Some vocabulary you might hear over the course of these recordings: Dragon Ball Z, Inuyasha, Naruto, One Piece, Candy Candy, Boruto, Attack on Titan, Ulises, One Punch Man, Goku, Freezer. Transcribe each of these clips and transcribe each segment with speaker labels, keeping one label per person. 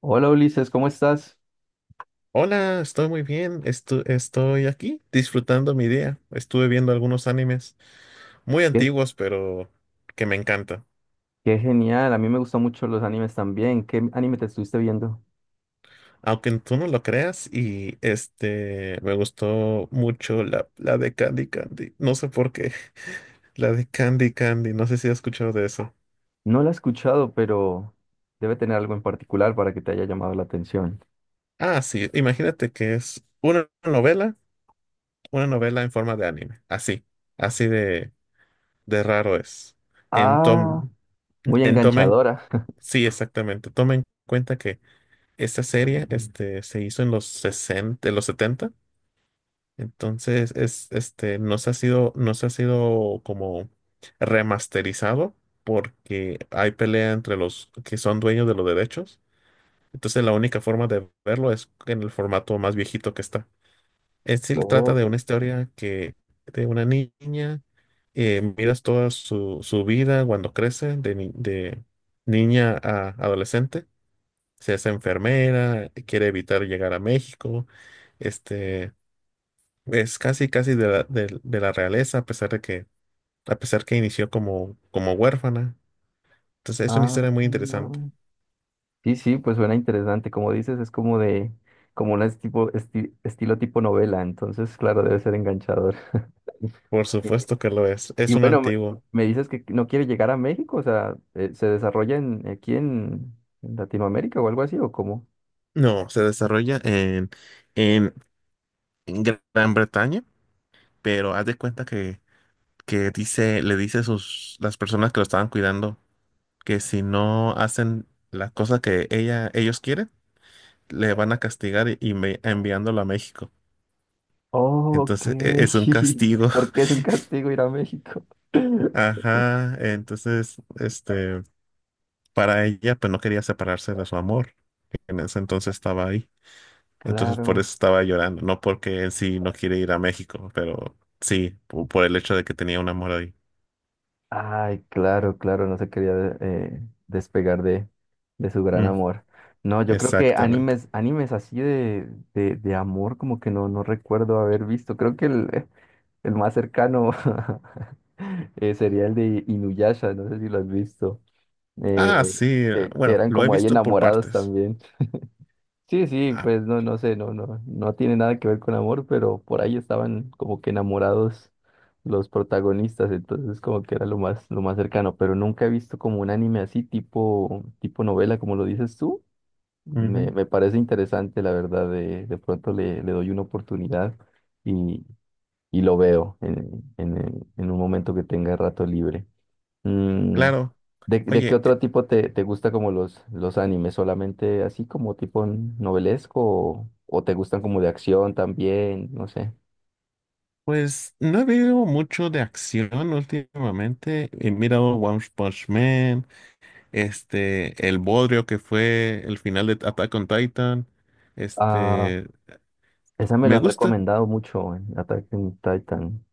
Speaker 1: Hola Ulises, ¿cómo estás?
Speaker 2: Hola, estoy muy bien. Estoy aquí disfrutando mi día. Estuve viendo algunos animes muy
Speaker 1: Qué,
Speaker 2: antiguos, pero que me encantan.
Speaker 1: qué genial, a mí me gustan mucho los animes también. ¿Qué anime te estuviste viendo?
Speaker 2: Aunque tú no lo creas, me gustó mucho la de Candy Candy. No sé por qué. La de Candy Candy. No sé si has escuchado de eso.
Speaker 1: No lo he escuchado, pero debe tener algo en particular para que te haya llamado la atención.
Speaker 2: Ah, sí. Imagínate que es una novela en forma de anime. Así, así de, de raro es. En
Speaker 1: Ah,
Speaker 2: tom,
Speaker 1: muy
Speaker 2: en tomen,
Speaker 1: enganchadora.
Speaker 2: Sí, exactamente. Tomen en cuenta que esta serie, se hizo en los sesenta, en los setenta, entonces es, no se ha sido como remasterizado porque hay pelea entre los que son dueños de los derechos. Entonces la única forma de verlo es en el formato más viejito que está. En sí trata
Speaker 1: Oh,
Speaker 2: de una historia que de una niña. Miras toda su vida cuando crece, de, de niña a adolescente, se hace enfermera, quiere evitar llegar a México. Este es casi casi de de la realeza, a pesar de que, a pesar que inició como, como huérfana. Entonces es una
Speaker 1: ah,
Speaker 2: historia muy interesante.
Speaker 1: sí, sí, pues suena interesante. Como dices, es como un estilo tipo novela, entonces, claro, debe ser enganchador.
Speaker 2: Por supuesto que lo es.
Speaker 1: Y
Speaker 2: Es un
Speaker 1: bueno, me,
Speaker 2: antiguo.
Speaker 1: me dices que no quiere llegar a México, o sea, ¿se aquí en Latinoamérica o algo así o cómo?
Speaker 2: No, se desarrolla en, en Gran Bretaña, pero haz de cuenta que dice, le dice a sus, las personas que lo estaban cuidando, que si no hacen la cosa que ella, ellos quieren, le van a castigar enviándolo a México.
Speaker 1: Ok,
Speaker 2: Entonces, es un castigo.
Speaker 1: porque es un castigo ir a México.
Speaker 2: Ajá. Entonces, para ella, pues no quería separarse de su amor. En ese entonces estaba ahí. Entonces, por
Speaker 1: Claro,
Speaker 2: eso estaba llorando. No porque en sí no quiere ir a México, pero sí, el hecho de que tenía un amor ahí.
Speaker 1: ay, claro, claro, no se quería despegar de su gran
Speaker 2: Mm,
Speaker 1: amor. No, yo creo que
Speaker 2: exactamente.
Speaker 1: animes así de amor como que no, no recuerdo haber visto. Creo que el más cercano sería el de Inuyasha, no sé si lo has visto.
Speaker 2: Ah,
Speaker 1: eh,
Speaker 2: sí.
Speaker 1: que
Speaker 2: Bueno,
Speaker 1: eran
Speaker 2: lo he
Speaker 1: como ahí
Speaker 2: visto por
Speaker 1: enamorados
Speaker 2: partes.
Speaker 1: también. Sí, sí,
Speaker 2: Ah,
Speaker 1: pues no, no sé, no, no, no tiene nada que ver con amor, pero por ahí estaban como que enamorados los protagonistas, entonces como que era lo más cercano, pero nunca he visto como un anime así, tipo novela, como lo dices tú.
Speaker 2: ujú,
Speaker 1: Me parece interesante, la verdad, de pronto le doy una oportunidad y, y lo veo en un momento que tenga rato libre. Mm,
Speaker 2: claro.
Speaker 1: de qué
Speaker 2: Oye,
Speaker 1: otro tipo te gusta como los animes? ¿Solamente así como tipo novelesco o te gustan como de acción también? No sé.
Speaker 2: pues no he visto mucho de acción últimamente. He mirado One Punch Man, el bodrio que fue el final de Attack on Titan.
Speaker 1: Ah,
Speaker 2: este,
Speaker 1: esa me lo
Speaker 2: Me
Speaker 1: han
Speaker 2: gusta.
Speaker 1: recomendado mucho en Attack on Titan,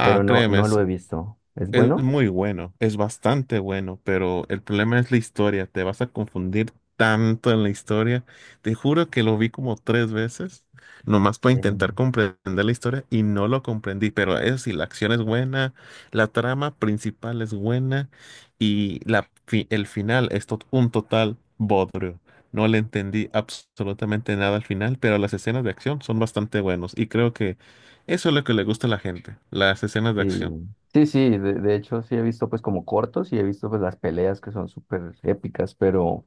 Speaker 1: pero no,
Speaker 2: créeme,
Speaker 1: no lo he visto. ¿Es
Speaker 2: es
Speaker 1: bueno?
Speaker 2: muy bueno, es bastante bueno, pero el problema es la historia. Te vas a confundir tanto en la historia. Te juro que lo vi como tres veces, nomás para intentar
Speaker 1: Em,
Speaker 2: comprender la historia, y no lo comprendí. Pero eso sí, la acción es buena, la trama principal es buena, y el final es un total bodrio. No le entendí absolutamente nada al final, pero las escenas de acción son bastante buenas y creo que eso es lo que le gusta a la gente, las escenas de
Speaker 1: Sí,
Speaker 2: acción.
Speaker 1: sí, sí, de hecho sí he visto pues como cortos y he visto pues las peleas que son súper épicas, pero...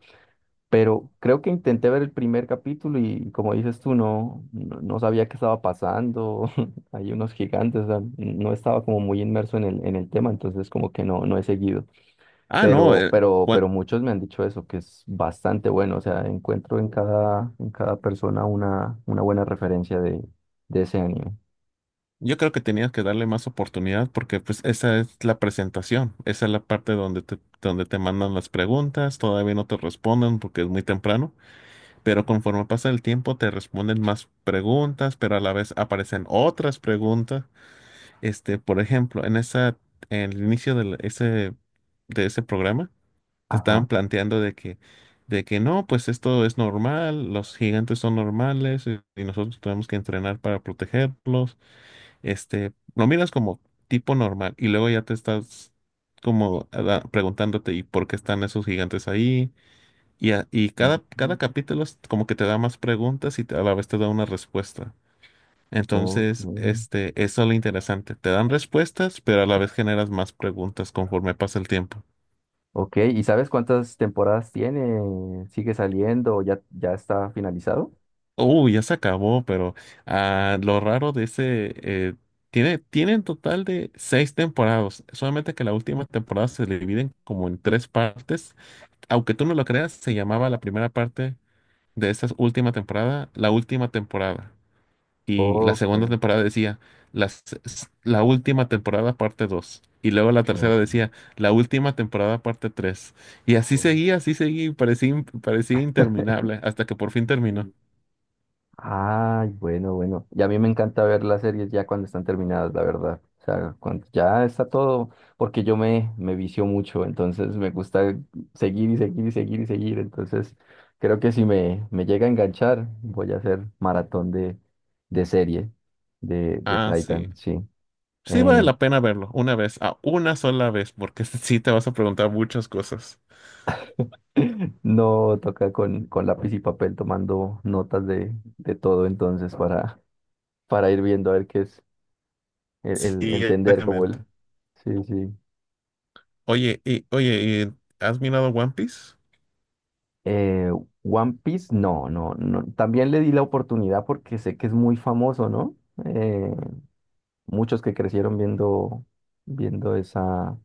Speaker 1: Pero creo que intenté ver el primer capítulo y como dices tú, no, no, no sabía qué estaba pasando. Hay unos gigantes, o sea, no estaba como muy inmerso en el tema, entonces como que no, no he seguido.
Speaker 2: Ah, no, bueno,
Speaker 1: Pero muchos me han dicho eso, que es bastante bueno. O sea, encuentro en cada persona una buena referencia de ese anime.
Speaker 2: yo creo que tenías que darle más oportunidad, porque pues esa es la presentación, esa es la parte donde donde te mandan las preguntas, todavía no te responden porque es muy temprano, pero conforme pasa el tiempo te responden más preguntas, pero a la vez aparecen otras preguntas. Por ejemplo, en el inicio de de ese programa, te estaban
Speaker 1: Ajá.
Speaker 2: planteando de que no, pues esto es normal, los gigantes son normales, y nosotros tenemos que entrenar para protegerlos. Lo miras como tipo normal y luego ya te estás como preguntándote y por qué están esos gigantes ahí. Y cada
Speaker 1: Mm.
Speaker 2: capítulo es como que te da más preguntas y a la vez te da una respuesta.
Speaker 1: Ok.
Speaker 2: Entonces, eso es lo interesante. Te dan respuestas, pero a la vez generas más preguntas conforme pasa el tiempo.
Speaker 1: Ok, ¿y sabes cuántas temporadas tiene? ¿Sigue saliendo? ¿Ya, ya está finalizado?
Speaker 2: Uy, ya se acabó, pero ah, lo raro de ese, tiene en total de seis temporadas, solamente que la última temporada se divide como en tres partes. Aunque tú no lo creas, se llamaba la primera parte de esta última temporada, la última temporada. Y la
Speaker 1: Ok.
Speaker 2: segunda temporada decía, la última temporada parte dos. Y luego la tercera
Speaker 1: Ok.
Speaker 2: decía, la última temporada parte tres. Y
Speaker 1: Ok.
Speaker 2: así seguía, y parecía, parecía interminable, hasta que por fin terminó.
Speaker 1: Ay, bueno, bueno. Y a mí me encanta ver las series ya cuando están terminadas, la verdad. O sea, cuando ya está todo, porque yo me vicio mucho, entonces me gusta seguir y seguir y seguir y seguir. Entonces, creo que si me llega a enganchar, voy a hacer maratón de serie de
Speaker 2: Ah, sí.
Speaker 1: Titan, sí.
Speaker 2: Sí vale
Speaker 1: Eh,
Speaker 2: la pena verlo, una vez, a una sola vez, porque sí te vas a preguntar muchas cosas.
Speaker 1: no toca con lápiz y papel tomando notas de todo entonces para ir viendo a ver qué es el
Speaker 2: Sí,
Speaker 1: entender como el...
Speaker 2: exactamente.
Speaker 1: Sí, sí.
Speaker 2: Oye, y ¿has mirado One Piece?
Speaker 1: Eh, One Piece, no, no, no. También le di la oportunidad porque sé que es muy famoso, ¿no? Eh, muchos que crecieron viendo esa,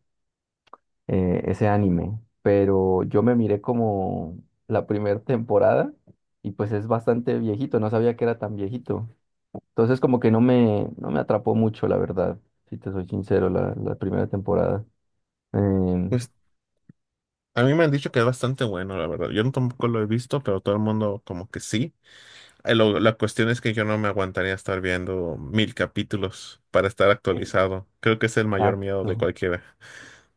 Speaker 1: eh, ese anime. Pero yo me miré como la primera temporada y pues es bastante viejito, no sabía que era tan viejito. Entonces como que no no me atrapó mucho, la verdad, si te soy sincero, la primera temporada. Em,
Speaker 2: Pues a mí me han dicho que es bastante bueno, la verdad. Yo no- Tampoco lo he visto, pero todo el mundo como que sí. La cuestión es que yo no me aguantaría estar viendo mil capítulos para estar actualizado. Creo que es el mayor miedo de
Speaker 1: Exacto.
Speaker 2: cualquiera.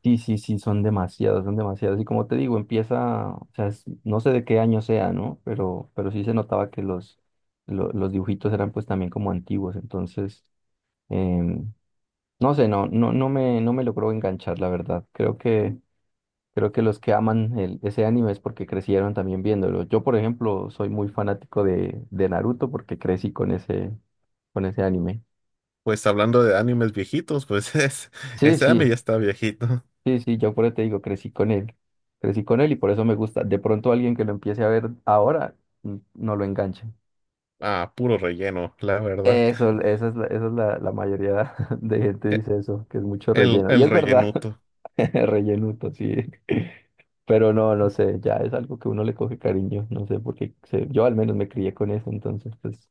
Speaker 1: Sí, sí, sí, son demasiados, son demasiados. Y como te digo, empieza, o sea, es- no sé de qué año sea, ¿no? Pero sí se notaba que los dibujitos eran pues también como antiguos. Entonces, em, no sé, no, no, no me, no me logró enganchar, la verdad. Creo que los que aman ese anime es porque crecieron también viéndolo. Yo, por ejemplo, soy muy fanático de Naruto porque crecí con ese anime.
Speaker 2: Pues hablando de animes viejitos, pues es,
Speaker 1: Sí,
Speaker 2: ese anime
Speaker 1: sí.
Speaker 2: ya está viejito.
Speaker 1: Sí, sí, yo por eso te digo, crecí con él y por eso me gusta. De pronto alguien que lo empiece a ver ahora mm, no lo enganche.
Speaker 2: Ah, puro relleno, la verdad.
Speaker 1: Eso, esa es esa es la mayoría de gente
Speaker 2: E-
Speaker 1: dice eso, que es mucho relleno. Y
Speaker 2: El
Speaker 1: es verdad,
Speaker 2: rellenuto.
Speaker 1: rellenuto, sí. Pero no, no sé, ya es algo que uno le coge cariño, no sé, porque yo al menos me crié con eso, entonces pues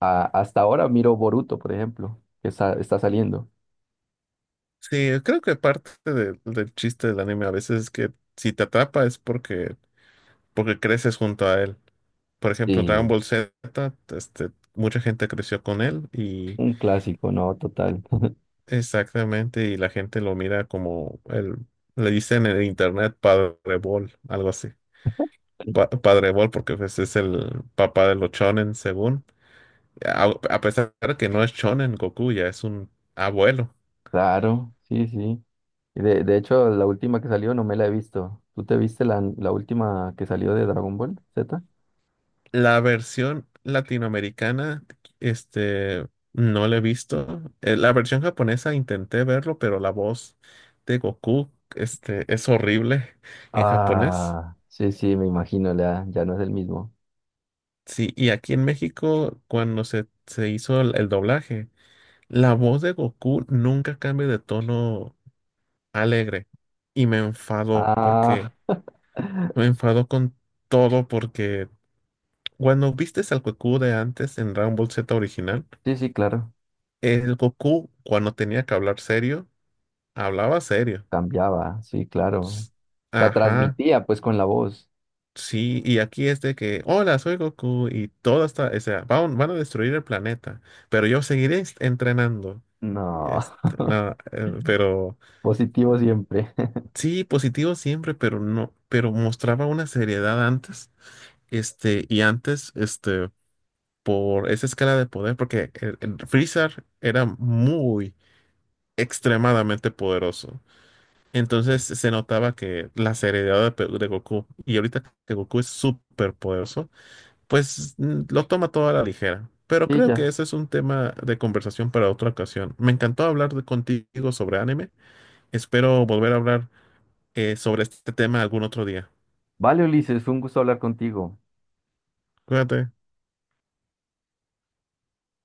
Speaker 1: a- hasta ahora miro Boruto, por ejemplo, que está, está saliendo.
Speaker 2: Sí, creo que parte del chiste del anime a veces es que si te atrapa es porque, porque creces junto a él. Por ejemplo, Dragon
Speaker 1: Sí.
Speaker 2: Ball Z, mucha gente creció con él. Y
Speaker 1: Un clásico, ¿no? Total.
Speaker 2: exactamente, y la gente lo mira como el, le dicen en el internet Padre Ball, algo así. Padre Ball, porque pues es el papá de los shonen, según. A, a pesar de que no es shonen, Goku ya es un abuelo.
Speaker 1: Claro, sí, sí. Y de hecho, la última que salió no me la he visto. ¿Tú te viste la última que salió de Dragon Ball Z?
Speaker 2: La versión latinoamericana, este, no la he visto. La versión japonesa intenté verlo, pero la voz de Goku, es horrible en japonés.
Speaker 1: Ah, sí, sí, me imagino, ya, ya no es el mismo.
Speaker 2: Sí, y aquí en México, cuando se hizo el doblaje, la voz de Goku nunca cambia de tono alegre. Y me enfadó
Speaker 1: Ah,
Speaker 2: porque me enfadó con todo, porque cuando viste al Goku de antes en Dragon Ball Z original,
Speaker 1: sí, sí, claro.
Speaker 2: el Goku, cuando tenía que hablar serio, hablaba serio.
Speaker 1: Cambiaba, sí, claro.
Speaker 2: S-
Speaker 1: Se
Speaker 2: Ajá,
Speaker 1: transmitía pues con la voz.
Speaker 2: sí, y aquí es de que, hola, soy Goku, y todo está, o sea, van, van a destruir el planeta, pero yo seguiré entrenando.
Speaker 1: No,
Speaker 2: Este, nada, pero
Speaker 1: positivo siempre.
Speaker 2: sí, positivo siempre, pero no, pero mostraba una seriedad antes, y antes, por esa escala de poder, porque el Freezer era muy, extremadamente poderoso. Entonces se notaba que la seriedad de, de Goku, y ahorita que Goku es súper poderoso, pues mm, lo toma todo a la ligera. Pero
Speaker 1: Y
Speaker 2: creo que
Speaker 1: ya.
Speaker 2: ese es un tema de conversación para otra ocasión. Me encantó hablar contigo sobre anime. Espero volver a hablar sobre este tema algún otro día.
Speaker 1: Vale, Ulises, fue un gusto hablar contigo.
Speaker 2: Cuídate.